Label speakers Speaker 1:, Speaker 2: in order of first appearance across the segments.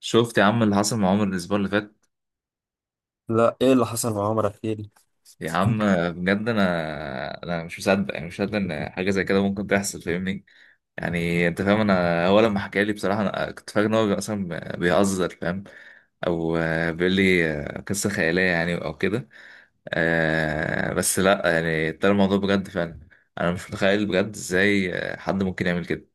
Speaker 1: شفت يا عم اللي حصل مع عمر الاسبوع اللي فات.
Speaker 2: لا، ايه اللي حصل مع عمر؟ احكي لي.
Speaker 1: يا عم، بجد انا مش مصدق، يعني مش مصدق ان حاجه زي كده ممكن تحصل، فاهمني؟ يعني انت فاهم، انا هو لما حكى لي بصراحه انا كنت فاكر ان هو اصلا بيهزر، فاهم؟ او بيقول لي قصه خياليه يعني او كده. بس لا، يعني طلع الموضوع بجد فعلا. انا مش متخيل بجد ازاي حد ممكن يعمل كده.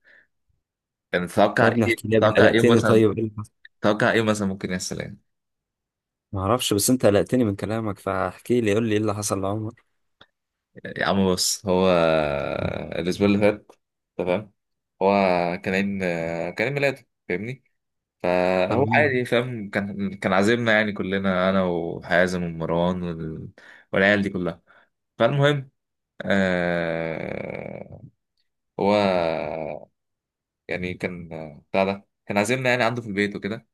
Speaker 1: يعني تتوقع
Speaker 2: يا ابني
Speaker 1: ايه،
Speaker 2: احكي لي، يا ابني
Speaker 1: تتوقع ايه
Speaker 2: قلقتني.
Speaker 1: مثلا،
Speaker 2: طيب ايه اللي حصل؟
Speaker 1: تتوقع ايه مثلا ممكن يحصل يعني؟
Speaker 2: ما اعرفش، بس انت قلقتني من كلامك، فاحكي لي قول لي ايه اللي حصل لعمر.
Speaker 1: يا عم بص، هو الأسبوع اللي فات، تمام، هو كان عيد، كان عيد ميلاده فاهمني؟ فهو
Speaker 2: تمام.
Speaker 1: عادي، فاهم، كان عازمنا يعني كلنا، أنا وحازم ومروان والعيال دي كلها. فالمهم، آه هو يعني كان، بتاع ده، كان عازمنا يعني عنده في البيت وكده.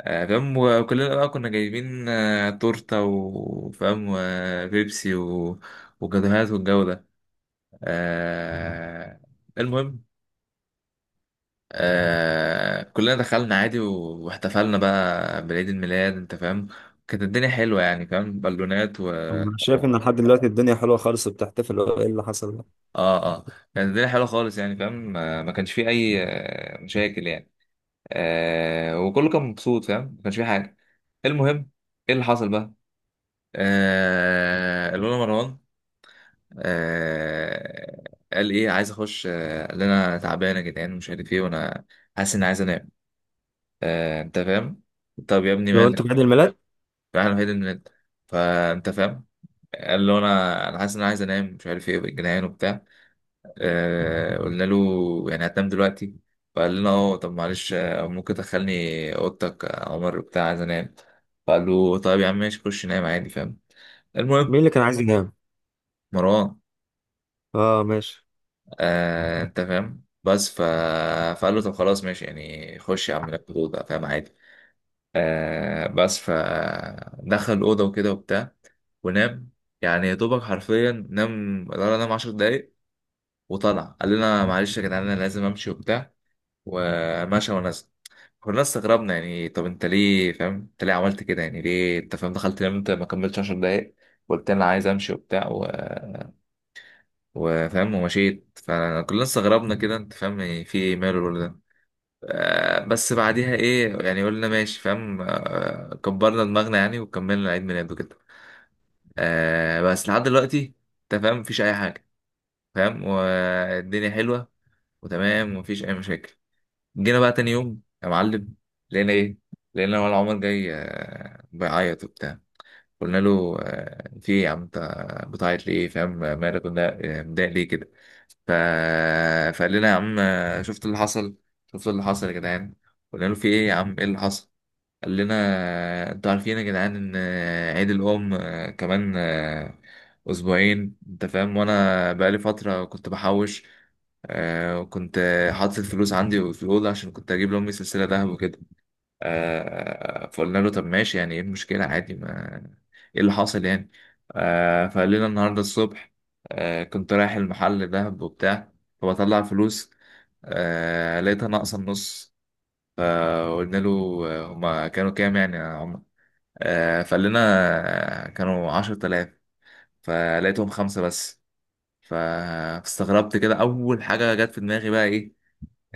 Speaker 1: فاهم، وكلنا بقى كنا جايبين تورتة وفاهم وبيبسي وجاتوهات والجو ده. آه المهم، كلنا دخلنا عادي واحتفلنا بقى بعيد الميلاد، انت فاهم؟ كانت الدنيا حلوة يعني، فاهم، بالونات و...
Speaker 2: انا شايف ان لحد دلوقتي الدنيا حلوه خالص وبتحتفل، ايه اللي حصل ده؟
Speaker 1: اه اه، كانت الدنيا حلوة خالص يعني، فاهم، ما كانش فيه أي مشاكل يعني. وكله كان مبسوط، فاهم، ما كانش فيه حاجة. المهم، ايه اللي حصل بقى؟ الأولى مروان. آه قال ايه، عايز اخش، قال لي: انا تعبان يا جدعان ومش عارف ايه، وانا حاسس اني عايز انام. انت فاهم. طب يا ابني
Speaker 2: لو
Speaker 1: مالك؟
Speaker 2: انتوا في عيد الميلاد،
Speaker 1: راح الوحيد ان انت، فانت فاهم. قال له: انا حاسس ان انا عايز انام، مش عارف ايه، جنان وبتاع. قلنا له: يعني هتنام دلوقتي؟ فقال لنا: اه طب معلش، ممكن تدخلني اوضتك يا عمر بتاع، عايز انام. فقال له: طيب يا عم ماشي، خش نام عادي، فاهم؟
Speaker 2: مين
Speaker 1: المهم
Speaker 2: اللي كان عايز ينام؟
Speaker 1: مروان،
Speaker 2: اه، ماشي.
Speaker 1: انت فاهم، بس فقال له: طب خلاص ماشي يعني، خش يا عم ناكل اوضه، فاهم، عادي. بس فدخل الأوضة وكده وبتاع ونام. يعني يا دوبك حرفيا نام، قدر نام 10 دقايق وطلع. قال لنا: معلش يا جدعان أنا لازم أمشي وبتاع، ومشى ونزل. كنا استغربنا يعني، طب أنت ليه فاهم، أنت ليه عملت كده؟ يعني ليه أنت فاهم دخلت نمت ما كملتش 10 دقايق؟ قلت أنا عايز أمشي وبتاع وفاهم ومشيت. فكلنا استغربنا كده، أنت فاهم يعني، في إيه، ماله الولد ده؟ بس بعديها ايه يعني، قلنا ماشي فاهم، كبرنا دماغنا يعني، وكملنا عيد ميلاده كده. بس لحد دلوقتي انت فاهم مفيش اي حاجه، فاهم، والدنيا حلوه وتمام ومفيش اي مشاكل. جينا بقى تاني يوم يا معلم، لقينا ايه؟ لقينا ولا عمر جاي بيعيط وبتاع. قلنا له: في ايه يا عم، انت بتعيط ليه فاهم، مالك؟ قلنا: متضايق ليه كده؟ ف... فقال لنا: يا عم شفت اللي حصل، شفت اللي حصل يا جدعان؟ قلنا له: في ايه يا عم، ايه اللي حصل؟ قال لنا: انتوا عارفين يا جدعان ان عيد الام آه، كمان آه، اسبوعين انت فاهم، وانا بقالي فتره كنت بحوش، وكنت حاطط الفلوس عندي في الاوضه عشان كنت اجيب لامي سلسله ذهب وكده. فقلنا له: طب ماشي يعني، ايه المشكلة؟ عادي، ما ايه اللي حاصل يعني؟ فقال لنا: النهاردة الصبح كنت رايح المحل دهب وبتاع، فبطلع فلوس، لقيتها ناقصة النص. فقلنا له: هما كانوا كام يعني يا عمر؟ فقال لنا: كانوا 10000، فلقيتهم خمسة بس. فاستغربت كده، أول حاجة جت في دماغي بقى إيه؟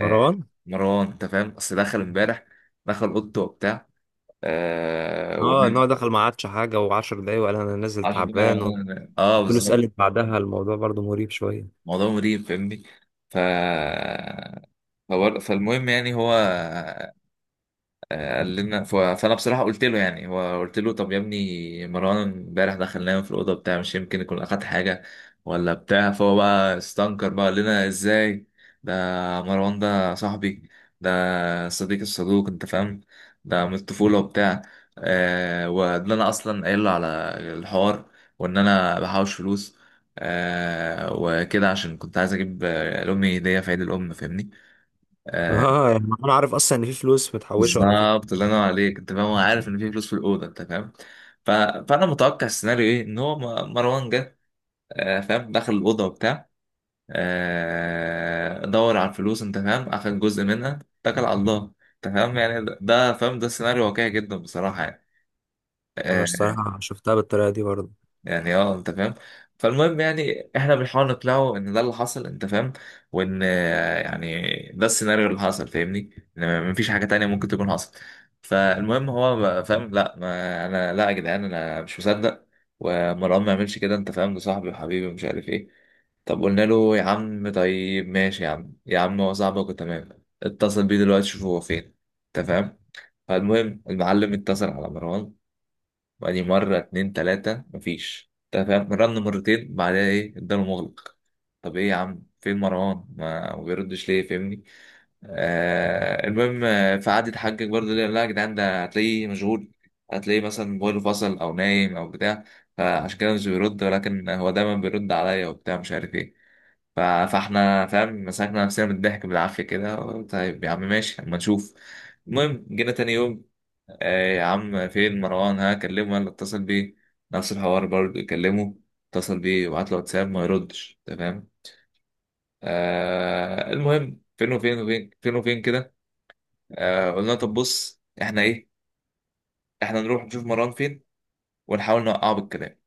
Speaker 1: آه مروان. أنت فاهم، أصل دخل إمبارح، دخل أوضته وبتاع،
Speaker 2: اه، ان هو
Speaker 1: ونام
Speaker 2: دخل ما عادش حاجه، وعشر دقايق وقال انا نازل
Speaker 1: 10 دقايق
Speaker 2: تعبان.
Speaker 1: وبعدين أنام. اه
Speaker 2: والفلوس
Speaker 1: بالظبط.
Speaker 2: قلت بعدها الموضوع برضو مريب شويه.
Speaker 1: موضوع مريب فاهمني. ف فالمهم يعني هو قال لنا، فانا بصراحه قلت له، يعني هو قلت له: طب يا ابني مروان امبارح دخل نام في الاوضه بتاع، مش يمكن يكون اخد حاجه ولا بتاع؟ فهو بقى استنكر بقى، قال لنا: ازاي ده؟ مروان ده صاحبي، ده صديق الصدوق انت فاهم، ده من الطفوله وبتاع، وان انا اصلا قايل له على الحوار، وان انا بحوش فلوس، وكده عشان كنت عايز اجيب لامي هديه في عيد الام فاهمني. آه،
Speaker 2: اه، يعني انا عارف اصلا ان في فلوس متحوشه وان في حاجه.
Speaker 1: بالظبط، الله ينور عليك انت فاهم، هو عارف ان في فلوس في الاوضه انت فاهم. ف... فانا متوقع السيناريو ايه، ان هو مروان جه، فاهم، دخل الاوضه وبتاع، دور على الفلوس، انت فاهم، اخد جزء منها، اتكل على الله. انت فاهم يعني، ده فاهم ده سيناريو واقعي جدا بصراحه يعني.
Speaker 2: انا
Speaker 1: آه،
Speaker 2: الصراحه شفتها بالطريقه دي برضو.
Speaker 1: يعني اه انت فاهم. فالمهم يعني احنا بنحاول نقنعه ان ده اللي حصل، انت فاهم، وان يعني ده السيناريو اللي حصل فاهمني، ان مفيش حاجة تانية ممكن تكون حصلت. فالمهم هو بقى فاهم: لا، ما انا لا يا جدعان، انا مش مصدق، ومروان ما يعملش كده، انت فاهم، ده صاحبي وحبيبي ومش عارف ايه. طب قلنا له: يا عم طيب ماشي يا عم، يا عم هو صاحبك وتمام، اتصل بيه دلوقتي، شوف هو فين، انت فاهم. فالمهم المعلم اتصل على مروان، بعدين مرة اتنين تلاتة مفيش، انت فاهم، رن مرتين بعدها ايه، الدار مغلق. طب ايه يا عم، فين مروان؟ ما بيردش ليه فاهمني؟ المهم فقعد يتحجج برضه: ليه لا يا جدعان، ده هتلاقيه مشغول، هتلاقيه مثلا موبايله فصل او نايم او بتاع، فعشان كده مش بيرد، ولكن هو دايما بيرد عليا وبتاع مش عارف ايه. ف- فاحنا فاهم مسكنا نفسنا من الضحك بالعافية كده: طيب يا عم ماشي، اما نشوف. المهم جينا تاني يوم، يا عم فين مروان؟ ها، كلمه ولا اتصل بيه؟ نفس الحوار برضه، كلمه، اتصل بيه وبعت له واتساب، ما يردش. تمام. المهم فين وفين وفين، فين وفين كده. قلنا طب بص احنا ايه، احنا نروح نشوف مروان فين، ونحاول نوقعه بالكلام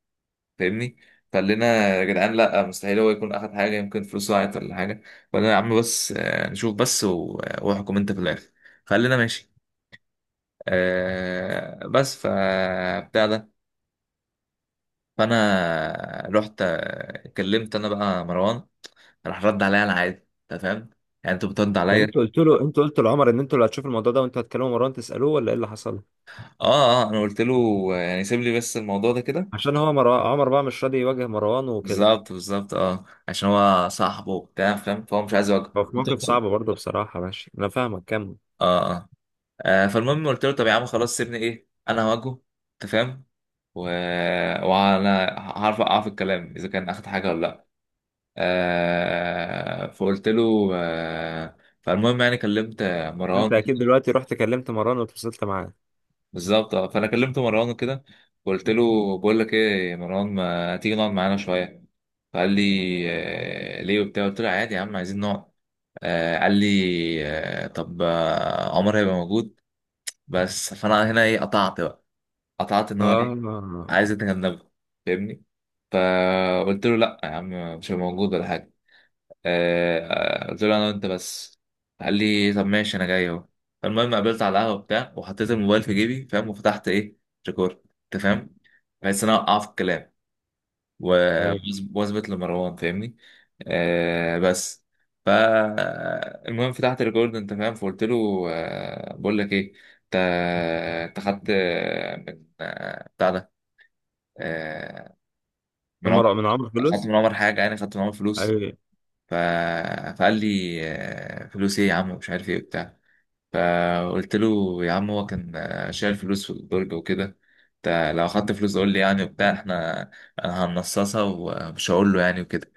Speaker 1: فاهمني. فقلنا: يا جدعان لا، مستحيل هو يكون اخد حاجه، يمكن فلوسه ضاعت ولا حاجه. فقلنا: يا عم بس نشوف بس واحكم انت في الاخر. فقلنا ماشي. بس فبتاع ده، فانا رحت كلمت انا بقى مروان، راح رد عليا على عادي انت فاهم، يعني انت بترد
Speaker 2: يعني انت
Speaker 1: عليا.
Speaker 2: قلت له، انت قلت لعمر ان انتوا اللي هتشوفوا الموضوع ده وانتوا هتكلموا مروان تسألوه ولا ايه اللي حصل؟
Speaker 1: اه اه انا قلت له يعني سيب لي بس الموضوع ده كده.
Speaker 2: عشان هو عمر بقى مش راضي يواجه مروان وكده.
Speaker 1: بالظبط بالظبط، اه، عشان هو صاحبه وبتاع فاهم، فهو مش عايز يواجهه
Speaker 2: هو في موقف صعب
Speaker 1: بتحصل.
Speaker 2: برضه بصراحة، ماشي انا فاهمك، كمل.
Speaker 1: اه. فالمهم قلت له: طب يا عم خلاص سيبني، ايه، انا هواجهه، انت فاهم، و... وانا هعرف اوقع في الكلام اذا كان اخد حاجه ولا لا. فقلت له فالمهم يعني كلمت
Speaker 2: انت
Speaker 1: مروان.
Speaker 2: اكيد دلوقتي رحت كلمت مروان واتفصلت معاه.
Speaker 1: بالظبط، فانا كلمت مروان وكده، وقلت له: بقول لك ايه يا مروان، ما تيجي نقعد معانا شويه؟ فقال لي: ليه وبتاع؟ قلت له: عادي يا عم، عايزين نقعد. قال لي: طب عمر هيبقى موجود؟ بس فانا هنا ايه، قطعت بقى، قطعت ان هو ايه،
Speaker 2: اه.
Speaker 1: عايزة تجنبه فاهمني. فقلت له: لا يا عم، مش هبقى موجود ولا حاجة. آه، قلت له أنا وأنت بس. قال لي: طب ماشي، أنا جاي أهو. المهم قابلت على القهوة بتاع، وحطيت الموبايل في جيبي فاهم، وفتحت إيه، ريكورد أنت فاهم، بحيث إن أنا أوقعه في الكلام و-
Speaker 2: ايوه.
Speaker 1: وأثبت لمروان فاهمني. بس. فالمهم فتحت الريكورد أنت فاهم، فقلت له: بقول لك إيه، أنت أنت خدت آه، من آه، بتاع ده، آه،
Speaker 2: من
Speaker 1: من عمر،
Speaker 2: مروان؟ من عمر
Speaker 1: خدت
Speaker 2: فلوس؟
Speaker 1: من عمر حاجه، يعني خدت من عمر فلوس؟
Speaker 2: ايوه.
Speaker 1: ف... فقال لي: فلوس ايه يا عم، ومش عارف ايه وبتاع. فقلت له: يا عم هو كان شايل فلوس في البرج وكده، انت لو اخدت فلوس قول لي يعني وبتاع، احنا انا هنصصها ومش هقول له يعني وكده.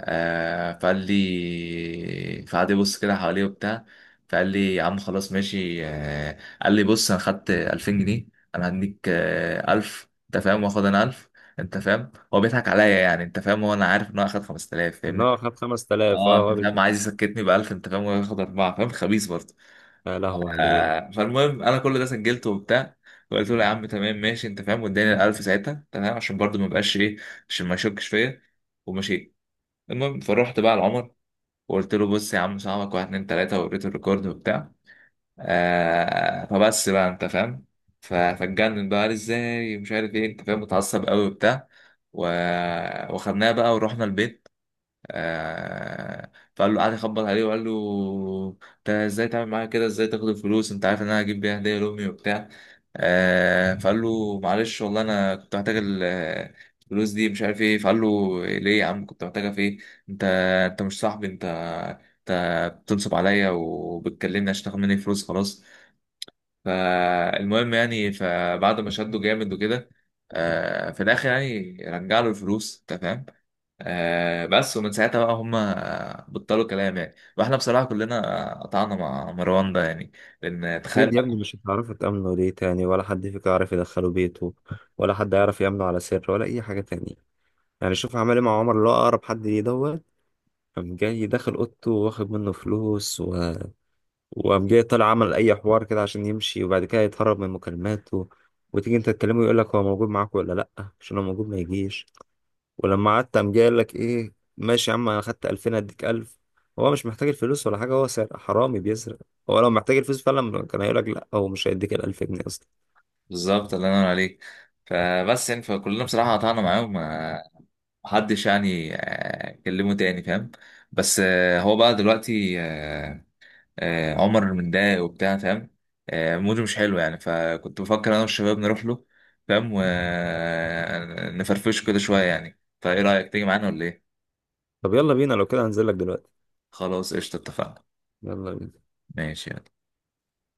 Speaker 1: فقال لي، فقعد يبص كده حواليه وبتاع، فقال لي: يا عم خلاص ماشي، قال لي: بص انا خدت 2000 جنيه، انا هديك 1000 انت فاهم، واخد انا 1000. انت فاهم هو بيضحك عليا يعني، انت فاهم هو، انا عارف ان هو اخد 5000
Speaker 2: ان
Speaker 1: فاهمني.
Speaker 2: هو خد 5,000.
Speaker 1: اه
Speaker 2: اه،
Speaker 1: انت فاهم، عايز يسكتني ب 1000 انت فاهم، وياخد 4000، فاهم، خبيث برضه.
Speaker 2: يا لهوي عليه.
Speaker 1: فالمهم انا كل ده سجلته وبتاع، وقلت له: يا عم تمام ماشي، انت فاهم، واداني ال 1000 ساعتها، تمام، عشان برضه ما يبقاش ايه، عشان ما يشكش فيا، ومشيت. المهم فروحت بقى لعمر، وقلت له: بص يا عم، صاحبك واحد اتنين تلاتة، ووريته الريكورد وبتاع. فبس بقى انت فاهم، فاتجنن بقى، قال ازاي، مش عارف ايه، انت فاهم، متعصب قوي وبتاع، و... وخدناه بقى ورحنا البيت. فقال له، قعد يخبط عليه وقال له: انت ازاي تعمل معايا كده، ازاي تاخد الفلوس، انت عارف ان انا هجيب بيها هديه لامي وبتاع. فقال له: معلش والله انا كنت محتاج الفلوس دي، مش عارف ايه. فقال له: ليه يا عم كنت محتاجها في ايه؟ انت انت مش صاحبي، انت بتنصب عليا وبتكلمني عشان تاخد مني فلوس، خلاص. فالمهم يعني فبعد ما شده جامد وكده، في الاخر يعني رجع له الفلوس انت فاهم. بس، ومن ساعتها بقى هم بطلوا كلام يعني، واحنا بصراحه كلنا قطعنا مع مروان ده يعني، لان تخيل
Speaker 2: اكيد يا
Speaker 1: بقى.
Speaker 2: ابني مش هتعرفوا تأمنوا ليه تاني، ولا حد فيكم يعرف يدخله بيته، ولا حد يعرف يأمنه على سر، ولا اي حاجة تانية. يعني شوف عمل ايه مع عمر اللي هو اقرب حد ليه ده. قام جاي داخل اوضته واخد منه فلوس. وقام جاي طالع عمل اي حوار كده عشان يمشي، وبعد كده يتهرب من مكالماته. وتيجي انت تكلمه يقول لك هو موجود معاك ولا لا، عشان لو موجود ما يجيش. ولما قعدت قام جاي قال لك ايه؟ ماشي يا عم انا خدت 2,000 اديك 1000. هو مش محتاج الفلوس ولا حاجه، هو سارق حرامي بيسرق. هو لو محتاج الفلوس فعلا كان هيقول لك لا، هو مش هيديك ال 1000 جنيه اصلا.
Speaker 1: بالظبط اللي انا عليك. فبس يعني فكلنا بصراحه قطعنا معاهم، محدش يعني كلمه تاني فاهم. بس هو بقى دلوقتي عمر المنداي وبتاع فاهم، موده مش حلو يعني، فكنت بفكر انا والشباب نروح له فاهم، ونفرفشه كده شويه يعني. طيب ايه رايك تيجي معانا ولا ايه؟
Speaker 2: طب يلا بينا، لو كده هنزل لك دلوقتي.
Speaker 1: خلاص قشطه، اتفقنا.
Speaker 2: يلا بينا.
Speaker 1: ماشي يلا.